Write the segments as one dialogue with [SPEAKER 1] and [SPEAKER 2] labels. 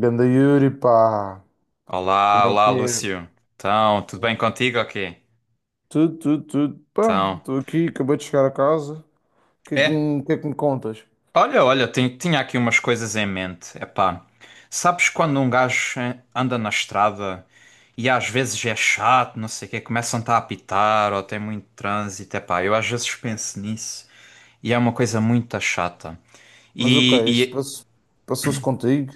[SPEAKER 1] Ganda Yuri, pá, como
[SPEAKER 2] Olá,
[SPEAKER 1] é
[SPEAKER 2] olá,
[SPEAKER 1] que é?
[SPEAKER 2] Lúcio. Então, tudo bem contigo? Ok.
[SPEAKER 1] Tudo, tudo, tudo, pá,
[SPEAKER 2] Então,
[SPEAKER 1] estou aqui, acabei de chegar a casa, o que é que,
[SPEAKER 2] é.
[SPEAKER 1] o que é que me contas?
[SPEAKER 2] Olha, olha, tinha aqui umas coisas em mente. Epá, sabes quando um gajo anda na estrada e às vezes é chato, não sei o quê, começam-te a apitar ou tem muito trânsito. Epá, eu às vezes penso nisso e é uma coisa muito chata.
[SPEAKER 1] Mas ok,
[SPEAKER 2] E, e-
[SPEAKER 1] passou-se contigo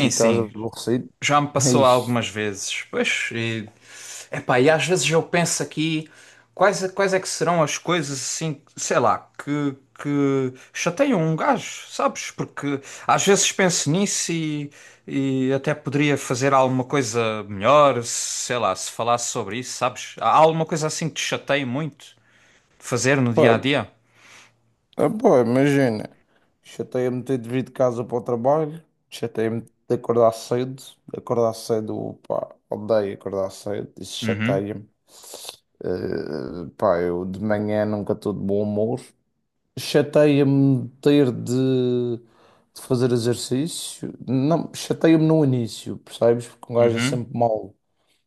[SPEAKER 1] e estás
[SPEAKER 2] sim,
[SPEAKER 1] aborrecido?
[SPEAKER 2] já me passou
[SPEAKER 1] Ixi,
[SPEAKER 2] algumas vezes. Pois, epá, e às vezes eu penso aqui quais é que serão as coisas assim, sei lá, que chateiam um gajo, sabes? Porque às vezes penso nisso e até poderia fazer alguma coisa melhor, sei lá, se falasse sobre isso, sabes? Há alguma coisa assim que te chateia muito de fazer no dia
[SPEAKER 1] pá,
[SPEAKER 2] a dia?
[SPEAKER 1] ah, pá, imagina, chateia-me ter de vir de casa para o trabalho, chateia-me de acordar cedo, pá, odeio acordar cedo, isso
[SPEAKER 2] Uhum,
[SPEAKER 1] chateia-me. Pá, eu de manhã nunca estou de bom humor. Chateia-me ter de, de fazer exercício. Não, chateia-me no início, percebes? Porque um gajo é
[SPEAKER 2] uhum,
[SPEAKER 1] sempre mau.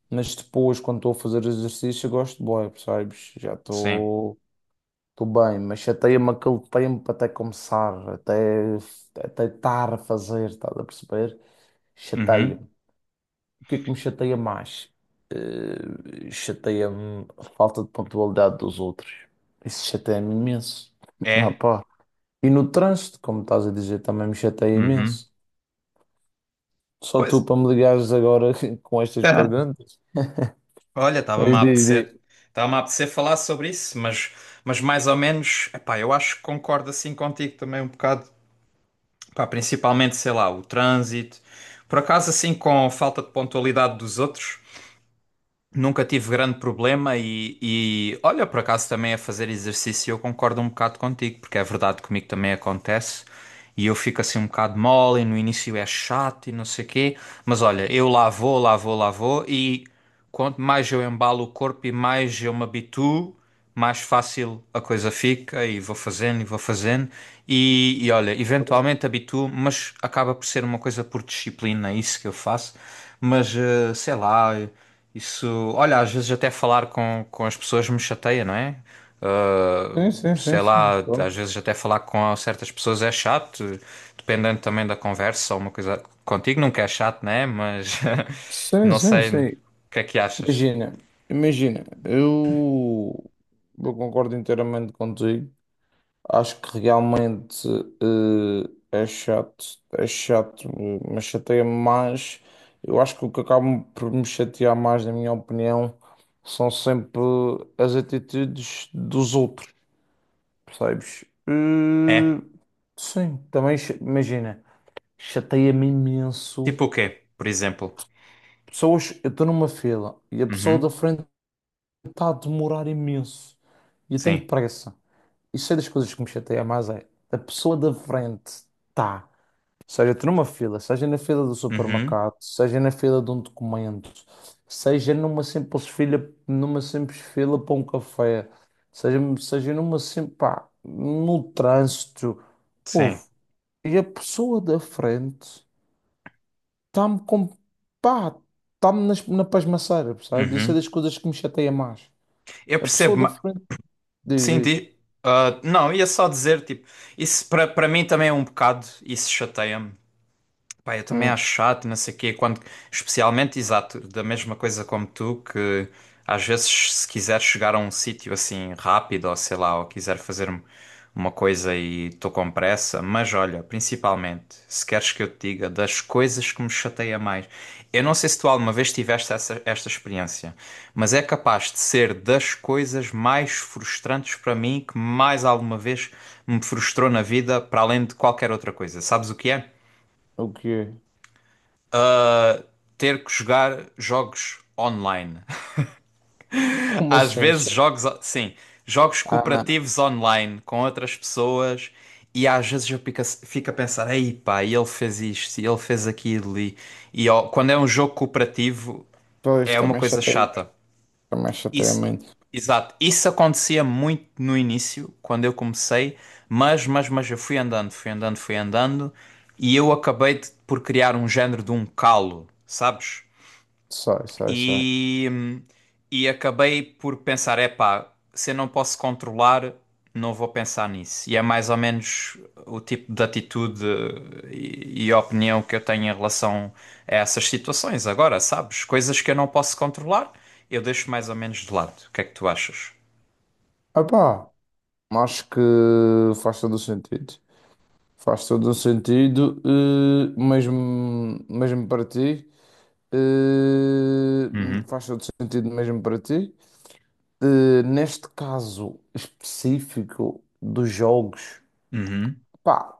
[SPEAKER 1] Mas depois, quando estou a fazer exercício, eu gosto de boa, percebes? Já
[SPEAKER 2] sim,
[SPEAKER 1] estou estou bem, mas chateia-me aquele tempo até começar, até estar a fazer, estás a perceber?
[SPEAKER 2] uhum,
[SPEAKER 1] Chateia-me. O que é que me chateia mais? Chateia-me a falta de pontualidade dos outros. Isso chateia-me imenso. Não,
[SPEAKER 2] é,
[SPEAKER 1] e no trânsito, como estás a dizer, também me chateia
[SPEAKER 2] uhum.
[SPEAKER 1] imenso. Só
[SPEAKER 2] Pois.
[SPEAKER 1] tu para me ligares agora com estas perguntas.
[SPEAKER 2] Olha,
[SPEAKER 1] Mas diz.
[SPEAKER 2] estava-me a apetecer falar sobre isso, mas mais ou menos, epá, eu acho que concordo assim contigo também um bocado, pá, principalmente, sei lá, o trânsito, por acaso assim com a falta de pontualidade dos outros, nunca tive grande problema e olha, por acaso também a fazer exercício eu concordo um bocado contigo, porque é verdade comigo também acontece e eu fico assim um bocado mole e no início é chato e não sei quê, mas olha, eu lá vou, lá vou, lá vou e quanto mais eu embalo o corpo e mais eu me habituo, mais fácil a coisa fica e vou fazendo e vou fazendo e olha, eventualmente habituo, mas acaba por ser uma coisa por disciplina, é isso que eu faço, mas sei lá. Isso, olha, às vezes até falar com as pessoas me chateia, não é? Ah,
[SPEAKER 1] Sim, sim, sim,
[SPEAKER 2] sei lá,
[SPEAKER 1] sim,
[SPEAKER 2] às
[SPEAKER 1] claro.
[SPEAKER 2] vezes até falar com certas pessoas é chato, dependendo também da conversa ou uma coisa. Contigo nunca é chato, não é? Mas
[SPEAKER 1] Sim,
[SPEAKER 2] não
[SPEAKER 1] sim,
[SPEAKER 2] sei o
[SPEAKER 1] sim.
[SPEAKER 2] que é que achas.
[SPEAKER 1] Imagina, imagina, eu, eu concordo inteiramente contigo. Acho que realmente eh, é chato, é chato, mas chateia-me mais. Eu acho que o que acaba por me chatear mais, na minha opinião, são sempre as atitudes dos outros. Percebes?
[SPEAKER 2] É?
[SPEAKER 1] Sim, também imagina, chateia-me imenso.
[SPEAKER 2] Tipo o quê, por exemplo?
[SPEAKER 1] Pessoas, eu estou numa fila e a pessoa da
[SPEAKER 2] Uhum,
[SPEAKER 1] frente está a demorar imenso. E eu tenho
[SPEAKER 2] sim.
[SPEAKER 1] pressa. Isso é das coisas que me chateia mais é a pessoa da frente está. Seja estou numa fila, seja na fila do
[SPEAKER 2] Uhum,
[SPEAKER 1] supermercado, seja na fila de um documento, seja numa simples fila para um café, seja numa simples, pá, no trânsito.
[SPEAKER 2] sim.
[SPEAKER 1] Ouve, e a pessoa da frente está-me com. Pá, na pasmaceira, percebes? Isso é
[SPEAKER 2] Uhum.
[SPEAKER 1] das coisas que me chateia mais.
[SPEAKER 2] Eu
[SPEAKER 1] A pessoa
[SPEAKER 2] percebo,
[SPEAKER 1] da frente diz,
[SPEAKER 2] sim,
[SPEAKER 1] diz,
[SPEAKER 2] ah, não, ia só dizer, tipo, isso para mim também é um bocado, isso chateia-me. Pá, eu também
[SPEAKER 1] hum,
[SPEAKER 2] acho chato, não sei o quê, quando, especialmente, exato, da mesma coisa como tu, que às vezes se quiser chegar a um sítio assim rápido, ou sei lá, ou uma coisa e estou com pressa, mas olha, principalmente, se queres que eu te diga das coisas que me chateia mais, eu não sei se tu alguma vez tiveste esta experiência, mas é capaz de ser das coisas mais frustrantes para mim, que mais alguma vez me frustrou na vida, para além de qualquer outra coisa. Sabes o que é?
[SPEAKER 1] o quê?
[SPEAKER 2] Ter que jogar jogos online.
[SPEAKER 1] Como
[SPEAKER 2] Às
[SPEAKER 1] assim?
[SPEAKER 2] vezes jogos, sim, jogos
[SPEAKER 1] Ah,
[SPEAKER 2] cooperativos online com outras pessoas e às vezes eu fico, fico a pensar, ei pá, e ele fez isto, e ele fez aquilo e ó, quando é um jogo cooperativo
[SPEAKER 1] pois,
[SPEAKER 2] é uma
[SPEAKER 1] também
[SPEAKER 2] coisa
[SPEAKER 1] chateia
[SPEAKER 2] chata.
[SPEAKER 1] muito, também chateia
[SPEAKER 2] Isso,
[SPEAKER 1] muito.
[SPEAKER 2] exato. Isso acontecia muito no início, quando eu comecei, mas eu fui andando, fui andando, fui andando, e eu por criar um género de um calo, sabes?
[SPEAKER 1] Sei, sei, sei.
[SPEAKER 2] E, e acabei por pensar: é pá, se eu não posso controlar, não vou pensar nisso. E é mais ou menos o tipo de atitude e opinião que eu tenho em relação a essas situações. Agora, sabes? Coisas que eu não posso controlar, eu deixo mais ou menos de lado. O que é que tu achas?
[SPEAKER 1] Ah pá, acho que faz todo o sentido. Faz todo o sentido, mesmo, mesmo para ti. eh,
[SPEAKER 2] Uhum,
[SPEAKER 1] faz todo sentido mesmo para ti. Neste caso específico dos jogos,
[SPEAKER 2] uhum,
[SPEAKER 1] pá,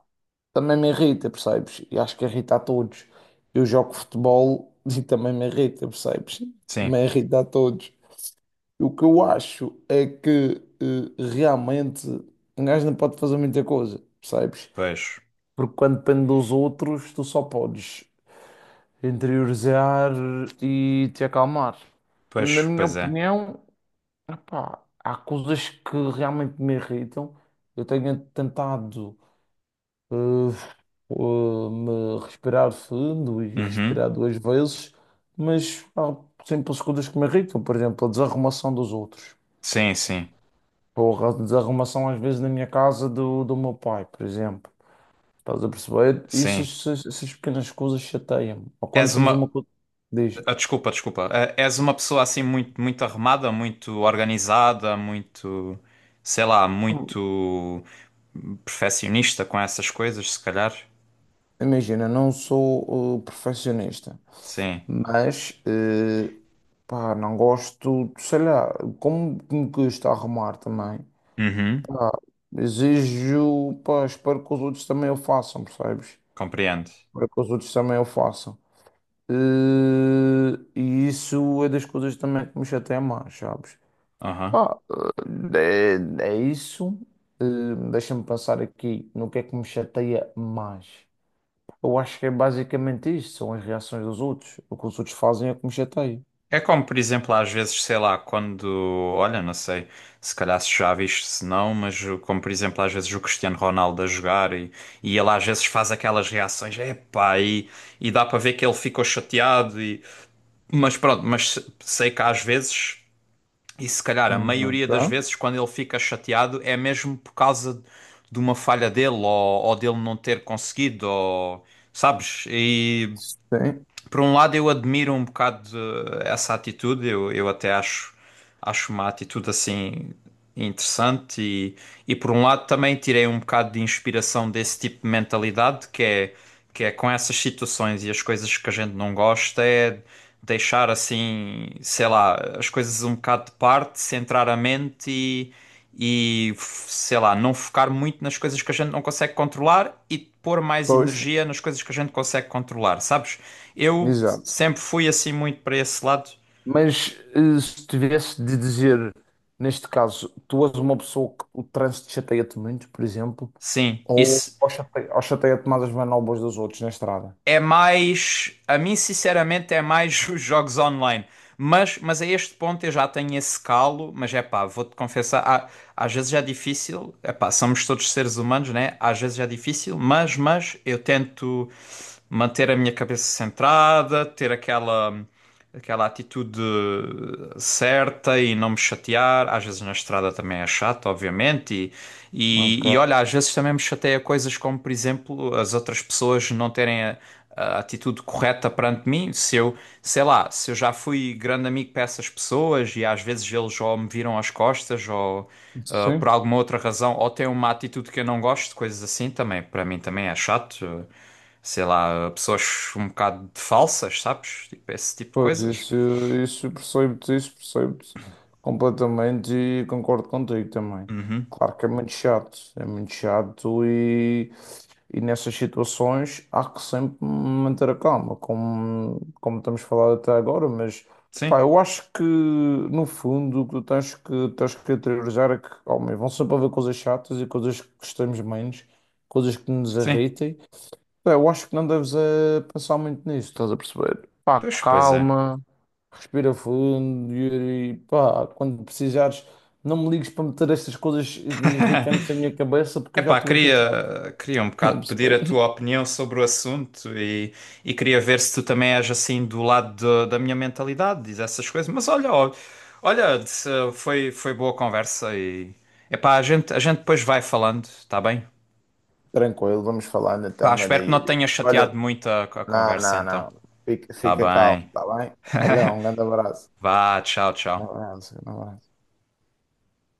[SPEAKER 1] também me irrita, percebes? E acho que irrita a todos. Eu jogo futebol e também me irrita, percebes?
[SPEAKER 2] sim,
[SPEAKER 1] Também irrita a todos. O que eu acho é que realmente um gajo não pode fazer muita coisa, percebes?
[SPEAKER 2] pois,
[SPEAKER 1] Porque quando depende dos outros, tu só podes interiorizar e te acalmar. Na
[SPEAKER 2] pois,
[SPEAKER 1] minha
[SPEAKER 2] pois é.
[SPEAKER 1] opinião, pá, há coisas que realmente me irritam. Eu tenho tentado eh, eh, me respirar fundo e
[SPEAKER 2] Uhum,
[SPEAKER 1] respirar duas vezes, mas há simples coisas que me irritam. Por exemplo, a desarrumação dos outros.
[SPEAKER 2] sim, sim,
[SPEAKER 1] Porra, a desarrumação às vezes na minha casa do meu pai, por exemplo. Estás a perceber?
[SPEAKER 2] sim.
[SPEAKER 1] Essas pequenas coisas chateiam-me. Ou quando
[SPEAKER 2] És
[SPEAKER 1] temos
[SPEAKER 2] uma.
[SPEAKER 1] uma coisa. Diz,
[SPEAKER 2] Ah, desculpa, desculpa. Ah, és uma pessoa assim muito, muito arrumada, muito organizada, muito, sei lá, muito perfeccionista com essas coisas, se calhar.
[SPEAKER 1] imagina, não sou perfeccionista.
[SPEAKER 2] Sim.
[SPEAKER 1] Mas, pá, não gosto, sei lá, como me custa arrumar também.
[SPEAKER 2] Uhum.
[SPEAKER 1] Pá, exijo, pá, espero que os outros também o façam, percebes?
[SPEAKER 2] Compreendo.
[SPEAKER 1] Espero que os outros também o façam. Eh, e isso é das coisas também que me chateia mais, sabes?
[SPEAKER 2] Aham.
[SPEAKER 1] Pá, eh, é, é isso. Deixa-me pensar aqui no que é que me chateia mais. Eu acho que é basicamente isso, são as reações dos outros. O que os outros fazem é que me chateia.
[SPEAKER 2] É como, por exemplo, às vezes, sei lá, quando, olha, não sei, se calhar se já viste, se não, mas como, por exemplo, às vezes o Cristiano Ronaldo a jogar e ele às vezes faz aquelas reações, epá, e dá para ver que ele ficou chateado. Mas pronto, mas sei que às vezes, e se calhar a maioria
[SPEAKER 1] Ok?
[SPEAKER 2] das vezes, quando ele fica chateado, é mesmo por causa de uma falha dele ou dele não ter conseguido, ou, sabes? E
[SPEAKER 1] Sim,
[SPEAKER 2] por um lado, eu admiro um bocado essa atitude, eu até acho, acho uma atitude assim interessante, e por um lado também tirei um bocado de inspiração desse tipo de mentalidade, que é com essas situações e as coisas que a gente não gosta, é deixar assim, sei lá, as coisas um bocado de parte, centrar a mente e, sei lá, não focar muito nas coisas que a gente não consegue controlar e pôr mais
[SPEAKER 1] pois,
[SPEAKER 2] energia nas coisas que a gente consegue controlar, sabes? Eu
[SPEAKER 1] exato.
[SPEAKER 2] sempre fui assim muito para esse lado.
[SPEAKER 1] Mas se tivesse de dizer, neste caso, tu és uma pessoa que o trânsito chateia-te muito, por exemplo,
[SPEAKER 2] Sim, isso
[SPEAKER 1] ou ou chateia-te mais as manobras dos outros na estrada.
[SPEAKER 2] é mais, a mim sinceramente é mais os jogos online. Mas a este ponto eu já tenho esse calo, mas é pá, vou-te confessar, às vezes é difícil, é pá, somos todos seres humanos, né? Às vezes é difícil, mas eu tento manter a minha cabeça centrada, ter aquela atitude certa e não me chatear. Às vezes na estrada também é chato, obviamente. E
[SPEAKER 1] Ok.
[SPEAKER 2] olha, às vezes também me chateia coisas como, por exemplo, as outras pessoas não terem a atitude correta perante mim. Se eu, sei lá, se eu já fui grande amigo para essas pessoas e às vezes eles ou me viram às costas ou. Ah, por
[SPEAKER 1] Sim,
[SPEAKER 2] alguma outra razão, ou têm uma atitude que eu não gosto, coisas assim também, para mim também é chato, sei lá, pessoas um bocado de falsas, sabes? Tipo, esse tipo de
[SPEAKER 1] pois
[SPEAKER 2] coisas.
[SPEAKER 1] isso, isso percebo-te completamente e concordo contigo também. Claro que é muito chato e nessas situações há que sempre manter a calma, como, como estamos falando até agora, mas
[SPEAKER 2] Sim,
[SPEAKER 1] pá, eu acho que no fundo o que tu tens que interiorizar é que, homem, vão sempre haver coisas chatas e coisas que gostamos menos, coisas que nos
[SPEAKER 2] sim.
[SPEAKER 1] irritem. Pá, eu acho que não deves pensar muito nisso, estás a perceber? Pá,
[SPEAKER 2] Pois, pois é.
[SPEAKER 1] calma, respira fundo e pá, quando precisares, não me ligues para meter estas coisas irritantes na minha cabeça porque eu já
[SPEAKER 2] Epá,
[SPEAKER 1] estou irritado,
[SPEAKER 2] queria um
[SPEAKER 1] estás a
[SPEAKER 2] bocado pedir a
[SPEAKER 1] perceber?
[SPEAKER 2] tua opinião sobre o assunto e queria ver se tu também és assim da minha mentalidade, diz essas coisas. Mas olha, ó, olha, foi, foi boa conversa e epá, a gente depois vai falando, tá bem?
[SPEAKER 1] Tranquilo, vamos falando
[SPEAKER 2] Pá,
[SPEAKER 1] então, ganda
[SPEAKER 2] espero que não te
[SPEAKER 1] Yuri.
[SPEAKER 2] tenha
[SPEAKER 1] Olha,
[SPEAKER 2] chateado muito a
[SPEAKER 1] não,
[SPEAKER 2] conversa
[SPEAKER 1] não,
[SPEAKER 2] então.
[SPEAKER 1] não. Fica,
[SPEAKER 2] Tá
[SPEAKER 1] fica calmo,
[SPEAKER 2] bem.
[SPEAKER 1] tá bem? Olha, um grande abraço.
[SPEAKER 2] Vá, tchau,
[SPEAKER 1] Um
[SPEAKER 2] tchau.
[SPEAKER 1] abraço, um abraço.